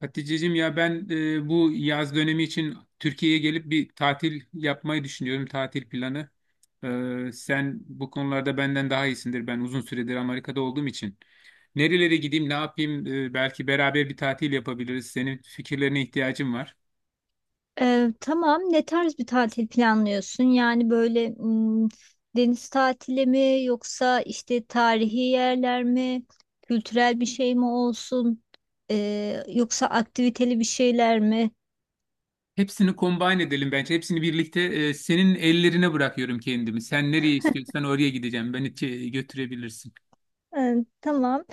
Hatice'cim ya ben bu yaz dönemi için Türkiye'ye gelip bir tatil yapmayı düşünüyorum, tatil planı. Sen bu konularda benden daha iyisindir. Ben uzun süredir Amerika'da olduğum için. Nerelere gideyim, ne yapayım? Belki beraber bir tatil yapabiliriz. Senin fikirlerine ihtiyacım var. Tamam. Ne tarz bir tatil planlıyorsun? Yani böyle deniz tatili mi yoksa işte tarihi yerler mi? Kültürel bir şey mi olsun? Yoksa aktiviteli bir şeyler mi? Hepsini combine edelim bence. Hepsini birlikte senin ellerine bırakıyorum kendimi. Sen nereye istiyorsan oraya gideceğim. Beni götürebilirsin. Ee, tamam.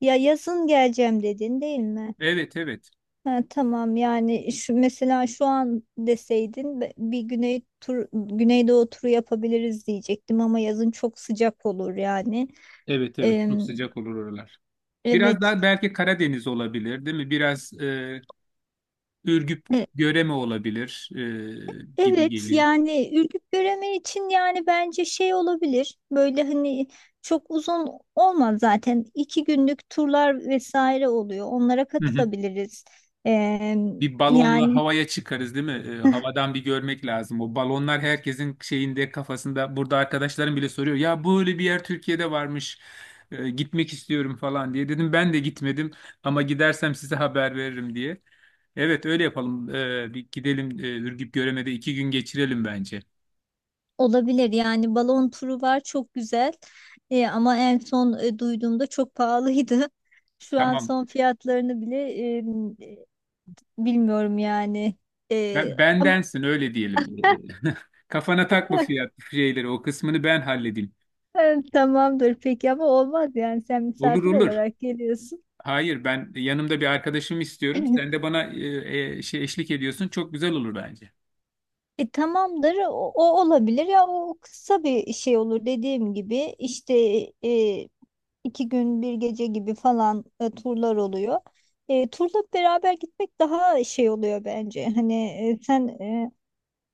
Ya yazın geleceğim dedin değil mi? Evet, evet. Ha, tamam yani şu, mesela şu an deseydin bir güneydoğu turu yapabiliriz diyecektim ama yazın çok sıcak olur yani. Evet, evet. Ee, Çok sıcak olur oralar. Biraz evet. daha belki Karadeniz olabilir, değil mi? Biraz Ürgüp, Göreme olabilir gibi Evet geliyor. yani ürküp göremen için yani bence şey olabilir böyle hani çok uzun olmaz zaten iki günlük turlar vesaire oluyor onlara Hı hı. katılabiliriz. Ee, Bir balonla Yani havaya çıkarız, değil mi? Havadan bir görmek lazım. O balonlar herkesin şeyinde, kafasında. Burada arkadaşlarım bile soruyor. Ya böyle bir yer Türkiye'de varmış. Gitmek istiyorum falan diye. Dedim ben de gitmedim ama gidersem size haber veririm diye. Evet öyle yapalım. Bir gidelim Ürgüp Göreme'de iki gün geçirelim bence. olabilir yani balon turu var, çok güzel. Ama en son duyduğumda çok pahalıydı şu an Tamam. son fiyatlarını bile bilmiyorum yani. Ben, Ama- bendensin öyle diyelim. Kafana takma fiyat şeyleri o kısmını ben halledeyim. tamamdır peki ama olmaz yani sen Olur misafir olur. olarak geliyorsun. Hayır ben yanımda bir arkadaşımı istiyorum. Sen de bana şey eşlik ediyorsun. Çok güzel olur bence. Tamamdır o olabilir ya, o kısa bir şey olur dediğim gibi, işte e, iki gün bir gece gibi falan turlar oluyor. Turla beraber gitmek daha şey oluyor bence, hani sen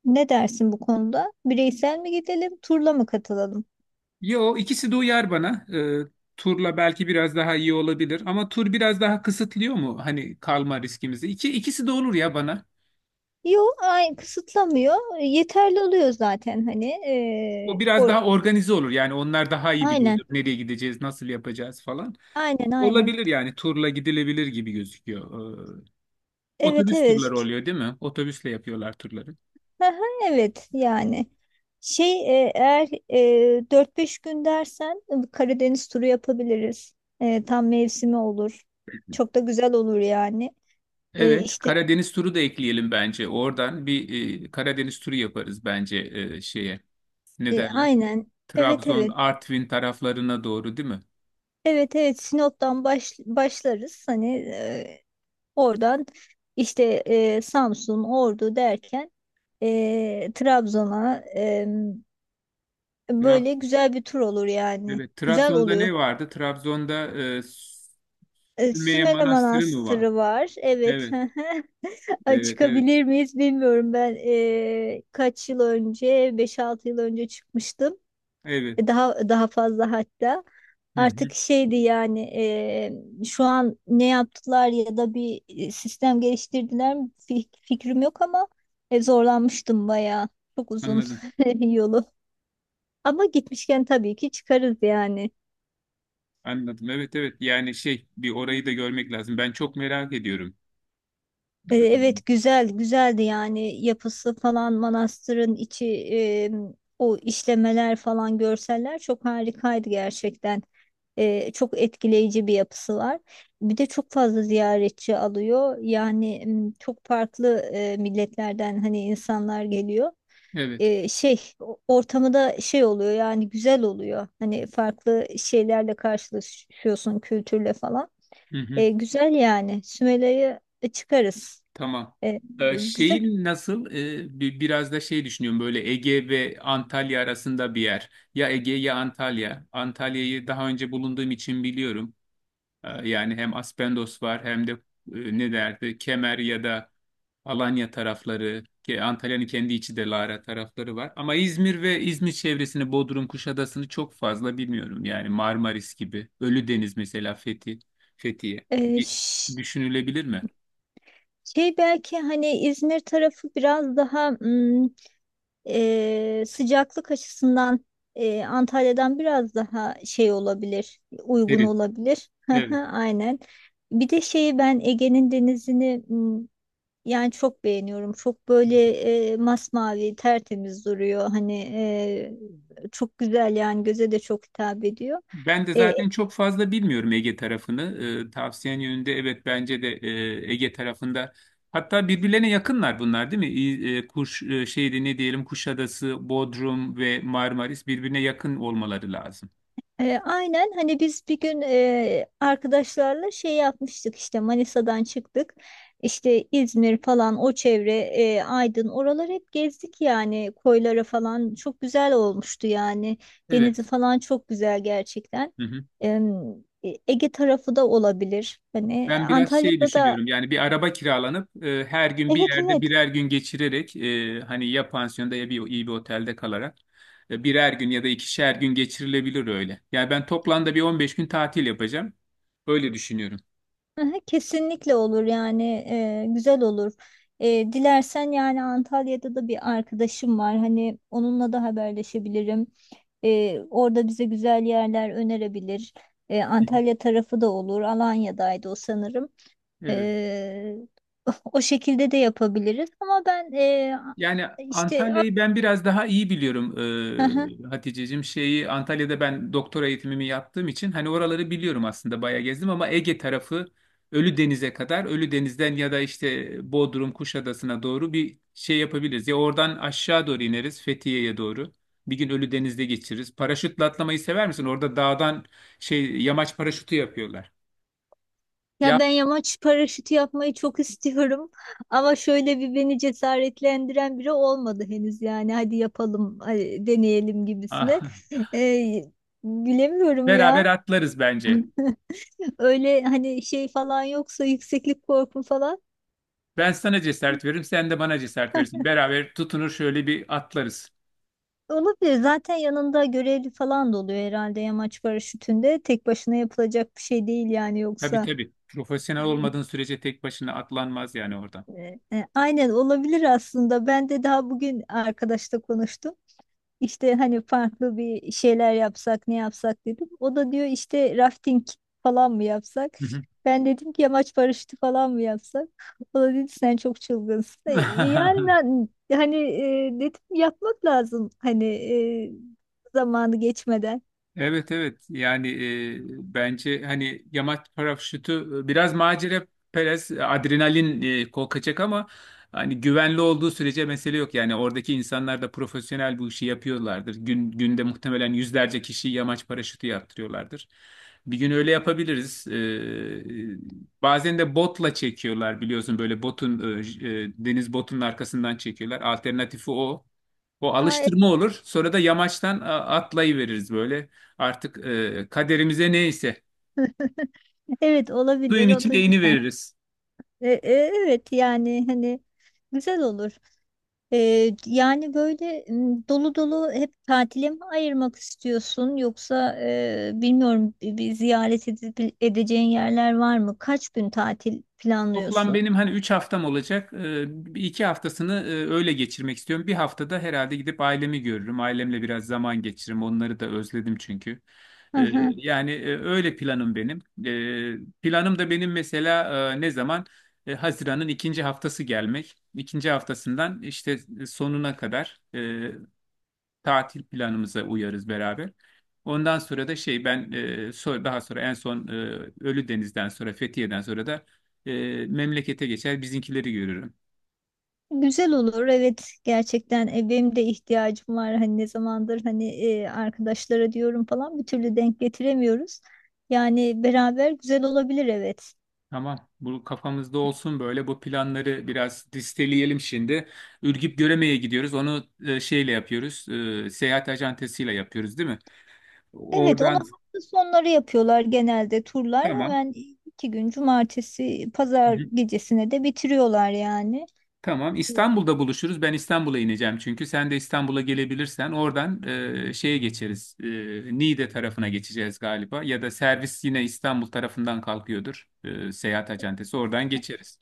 ne dersin bu konuda, bireysel mi gidelim turla mı katılalım? Yo ikisi de uyar bana. Turla belki biraz daha iyi olabilir ama tur biraz daha kısıtlıyor mu hani kalma riskimizi? İkisi de olur ya bana. Yok ay, kısıtlamıyor. Yeterli oluyor zaten, hani O biraz daha organize olur. Yani onlar daha iyi aynen, biliyordur nereye gideceğiz, nasıl yapacağız falan. aynen, aynen. Olabilir yani turla gidilebilir gibi gözüküyor. Evet, Otobüs turları evet. oluyor değil mi? Otobüsle yapıyorlar turları. Aha, evet yani şey, eğer 4-5 gün dersen Karadeniz turu yapabiliriz. Tam mevsimi olur. Çok da güzel olur yani. Evet, İşte Karadeniz turu da ekleyelim bence. Oradan bir Karadeniz turu yaparız bence şeye. Ne derler? aynen, evet Trabzon, evet, Artvin taraflarına doğru değil mi? evet evet. Sinop'tan başlarız. Hani oradan işte Samsun, Ordu derken Trabzon'a Trab böyle güzel bir tur olur yani. evet, Güzel Trabzon'da oluyor. ne vardı? Trabzon'da e, Sümeyye Sümele Manastırı mı var? Manastırı var. Evet. Evet, Ay, evet, evet. çıkabilir miyiz bilmiyorum. Ben kaç yıl önce, beş altı yıl önce çıkmıştım. Evet. Daha daha fazla hatta. Hı hı, Artık şeydi yani, şu an ne yaptılar ya da bir sistem geliştirdiler mi fikrim yok ama zorlanmıştım bayağı. Çok uzun anladım. yolu. Ama gitmişken tabii ki çıkarız yani. Anladım. Evet, evet. Yani şey, bir orayı da görmek lazım. Ben çok merak ediyorum. Ee, Evet, güzel güzeldi yani, yapısı falan, manastırın içi, e, o işlemeler falan, görseller çok harikaydı gerçekten. Çok etkileyici bir yapısı var. Bir de çok fazla ziyaretçi alıyor. Yani çok farklı milletlerden hani insanlar geliyor. Evet. Ortamı da şey oluyor yani, güzel oluyor. Hani farklı şeylerle karşılaşıyorsun, kültürle falan. Hı hı. Güzel yani, Sümela'yı çıkarız. Tamam. E, Güzel. Şeyin nasıl? Biraz da şey düşünüyorum böyle Ege ve Antalya arasında bir yer. Ya Ege ya Antalya. Antalya'yı daha önce bulunduğum için biliyorum. Yani hem Aspendos var hem de ne derdi Kemer ya da Alanya tarafları. Ki Antalya'nın kendi içi de Lara tarafları var. Ama İzmir ve İzmir çevresini Bodrum, Kuşadası'nı çok fazla bilmiyorum. Yani Marmaris gibi. Ölüdeniz mesela Fethiye. E, İ- ş- Düşünülebilir mi? Şey belki hani İzmir tarafı biraz daha sıcaklık açısından Antalya'dan biraz daha şey olabilir, uygun Derin. olabilir. Hı hı, Evet. aynen. Bir de şeyi, ben Ege'nin denizini yani çok beğeniyorum. Çok böyle masmavi, tertemiz duruyor. Hani çok güzel yani, göze de çok hitap ediyor. Ben de zaten çok fazla bilmiyorum Ege tarafını. Tavsiyen yönünde evet bence de Ege tarafında. Hatta birbirlerine yakınlar bunlar değil mi? Şeydi ne diyelim Kuşadası, Bodrum ve Marmaris birbirine yakın olmaları lazım. Aynen, hani biz bir gün arkadaşlarla şey yapmıştık, işte Manisa'dan çıktık, işte İzmir falan o çevre, Aydın, oraları hep gezdik yani, koylara falan, çok güzel olmuştu yani. Denizi Evet. falan çok güzel gerçekten. Hı hı. Em, Ege tarafı da olabilir, hani Ben biraz şey Antalya'da da. düşünüyorum yani bir araba kiralanıp her gün bir Evet yerde evet. birer gün geçirerek hani ya pansiyonda ya bir iyi bir otelde kalarak birer gün ya da ikişer gün geçirilebilir öyle. Yani ben toplamda bir 15 gün tatil yapacağım. Öyle düşünüyorum. Aha, kesinlikle olur yani, güzel olur. Dilersen yani Antalya'da da bir arkadaşım var, hani onunla da haberleşebilirim. Orada bize güzel yerler önerebilir. Hı hı. Antalya tarafı da olur. Alanya'daydı o sanırım. Evet. E, O şekilde de yapabiliriz. Ama ben Yani işte. Antalya'yı ben biraz daha iyi biliyorum Haticeciğim. Şeyi Antalya'da ben doktora eğitimimi yaptığım için hani oraları biliyorum aslında bayağı gezdim ama Ege tarafı Ölüdeniz'e kadar Ölüdeniz'den ya da işte Bodrum Kuşadası'na doğru bir şey yapabiliriz. Ya oradan aşağı doğru ineriz Fethiye'ye doğru. Bir gün Ölüdeniz'de geçiririz. Paraşütle atlamayı sever misin? Orada dağdan şey yamaç paraşütü yapıyorlar. Ya Ya ben yamaç paraşütü yapmayı çok istiyorum ama şöyle bir beni cesaretlendiren biri olmadı henüz yani, hadi yapalım hadi deneyelim gibisine. Ee, Bilemiyorum beraber ya, atlarız bence. öyle hani şey falan, yoksa yükseklik korkum falan Ben sana cesaret veririm, sen de bana cesaret verirsin. Beraber tutunur şöyle bir atlarız. olabilir. Zaten yanında görevli falan da oluyor herhalde, yamaç paraşütünde tek başına yapılacak bir şey değil yani, Tabii yoksa. tabii. Profesyonel Aynen, olmadığın sürece tek başına atlanmaz yani oradan. Aynen olabilir. Aslında ben de daha bugün arkadaşla konuştum. İşte hani farklı bir şeyler yapsak, ne yapsak dedim. O da diyor işte rafting falan mı yapsak? Hı Ben dedim ki yamaç paraşütü falan mı yapsak? O da dedi sen çok çılgınsın. Yani hı. ben- hani dedim yapmak lazım, hani zamanı geçmeden. Evet evet yani bence hani yamaç paraşütü biraz macera perest adrenalin kokacak ama hani güvenli olduğu sürece mesele yok. Yani oradaki insanlar da profesyonel bu işi yapıyorlardır. Günde muhtemelen yüzlerce kişi yamaç paraşütü yaptırıyorlardır. Bir gün öyle yapabiliriz. E, Bazen de botla çekiyorlar biliyorsun böyle botun deniz botunun arkasından çekiyorlar. Alternatifi o. O Aa, alıştırma olur. Sonra da yamaçtan atlayıveririz böyle. Artık kaderimize neyse evet suyun olabilir, o da içine iğne güzel. veririz. E, e, evet yani hani, güzel olur. Yani böyle, dolu dolu hep tatile mi ayırmak istiyorsun, yoksa bilmiyorum, bir ziyaret edeceğin yerler var mı? Kaç gün tatil Toplam planlıyorsun? benim hani 3 haftam olacak. İki haftasını öyle geçirmek istiyorum. Bir haftada herhalde gidip ailemi görürüm. Ailemle biraz zaman geçiririm. Onları da özledim çünkü. E, Aha, Yani öyle planım benim. Planım da benim mesela ne zaman? Haziran'ın ikinci haftası gelmek. İkinci haftasından işte sonuna kadar tatil planımıza uyarız beraber. Ondan sonra da şey ben daha sonra en son Ölüdeniz'den sonra Fethiye'den sonra da memlekete geçer bizimkileri görürüm. güzel olur, evet gerçekten. Benim de ihtiyacım var, hani ne zamandır, hani arkadaşlara diyorum falan, bir türlü denk getiremiyoruz. Yani beraber güzel olabilir, evet. Tamam, bu kafamızda olsun böyle bu planları biraz listeleyelim şimdi. Ürgüp Göreme'ye gidiyoruz. Onu şeyle yapıyoruz. Seyahat acentesiyle yapıyoruz değil mi? Evet, onu Oradan hafta sonları yapıyorlar genelde turlar. tamam. Hemen iki gün, cumartesi, pazar gecesine de bitiriyorlar yani. Tamam. Hı. İstanbul'da buluşuruz. Ben İstanbul'a ineceğim çünkü. Sen de İstanbul'a gelebilirsen oradan şeye geçeriz. Niğde tarafına geçeceğiz galiba. Ya da servis yine İstanbul tarafından kalkıyordur. Seyahat acentesi. Oradan geçeriz.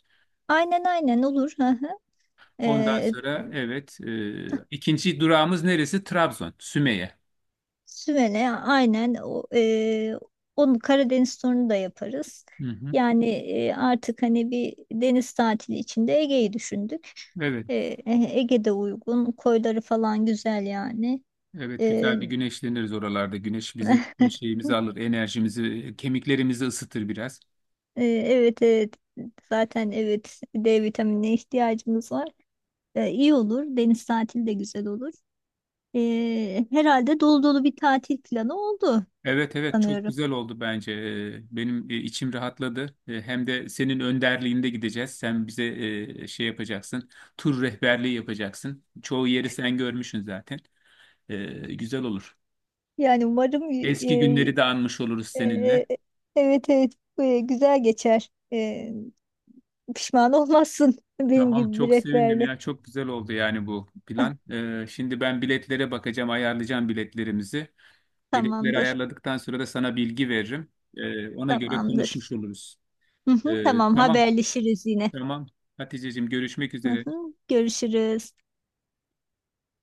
Aynen aynen olur. Hı hı. Ondan Ee, sonra evet ikinci durağımız neresi? Trabzon, Sümeyye. Sümele, aynen o, onu Karadeniz turunu da yaparız. Hı hı. Yani artık hani bir deniz tatili içinde Ege'yi düşündük. Evet. E, Ege'de uygun. Koyları falan güzel yani. Evet E, güzel bir güneşleniriz oralarda. Güneş bizim bütün şeyimizi alır, enerjimizi, kemiklerimizi ısıtır biraz. Evet evet. Zaten evet, D vitaminine ihtiyacımız var. İyi olur. Deniz tatili de güzel olur. Herhalde dolu dolu bir tatil planı oldu Evet evet çok sanıyorum. güzel oldu bence. Benim içim rahatladı. Hem de senin önderliğinde gideceğiz. Sen bize şey yapacaksın. Tur rehberliği yapacaksın. Çoğu yeri sen görmüşsün zaten. Güzel olur. Yani umarım, Eski günleri de anmış oluruz e, e, seninle. evet evet, güzel geçer. Pişman olmazsın benim Tamam gibi bir çok sevindim rehberle. ya. Çok güzel oldu yani bu plan. Şimdi ben biletlere bakacağım, ayarlayacağım biletlerimizi. Biletleri Tamamdır. ayarladıktan sonra da sana bilgi veririm. Ona göre Tamamdır. konuşmuş oluruz. Hı hı, tamam, Tamam haberleşiriz yine. tamam. Haticeciğim görüşmek Hı üzere. hı. Görüşürüz.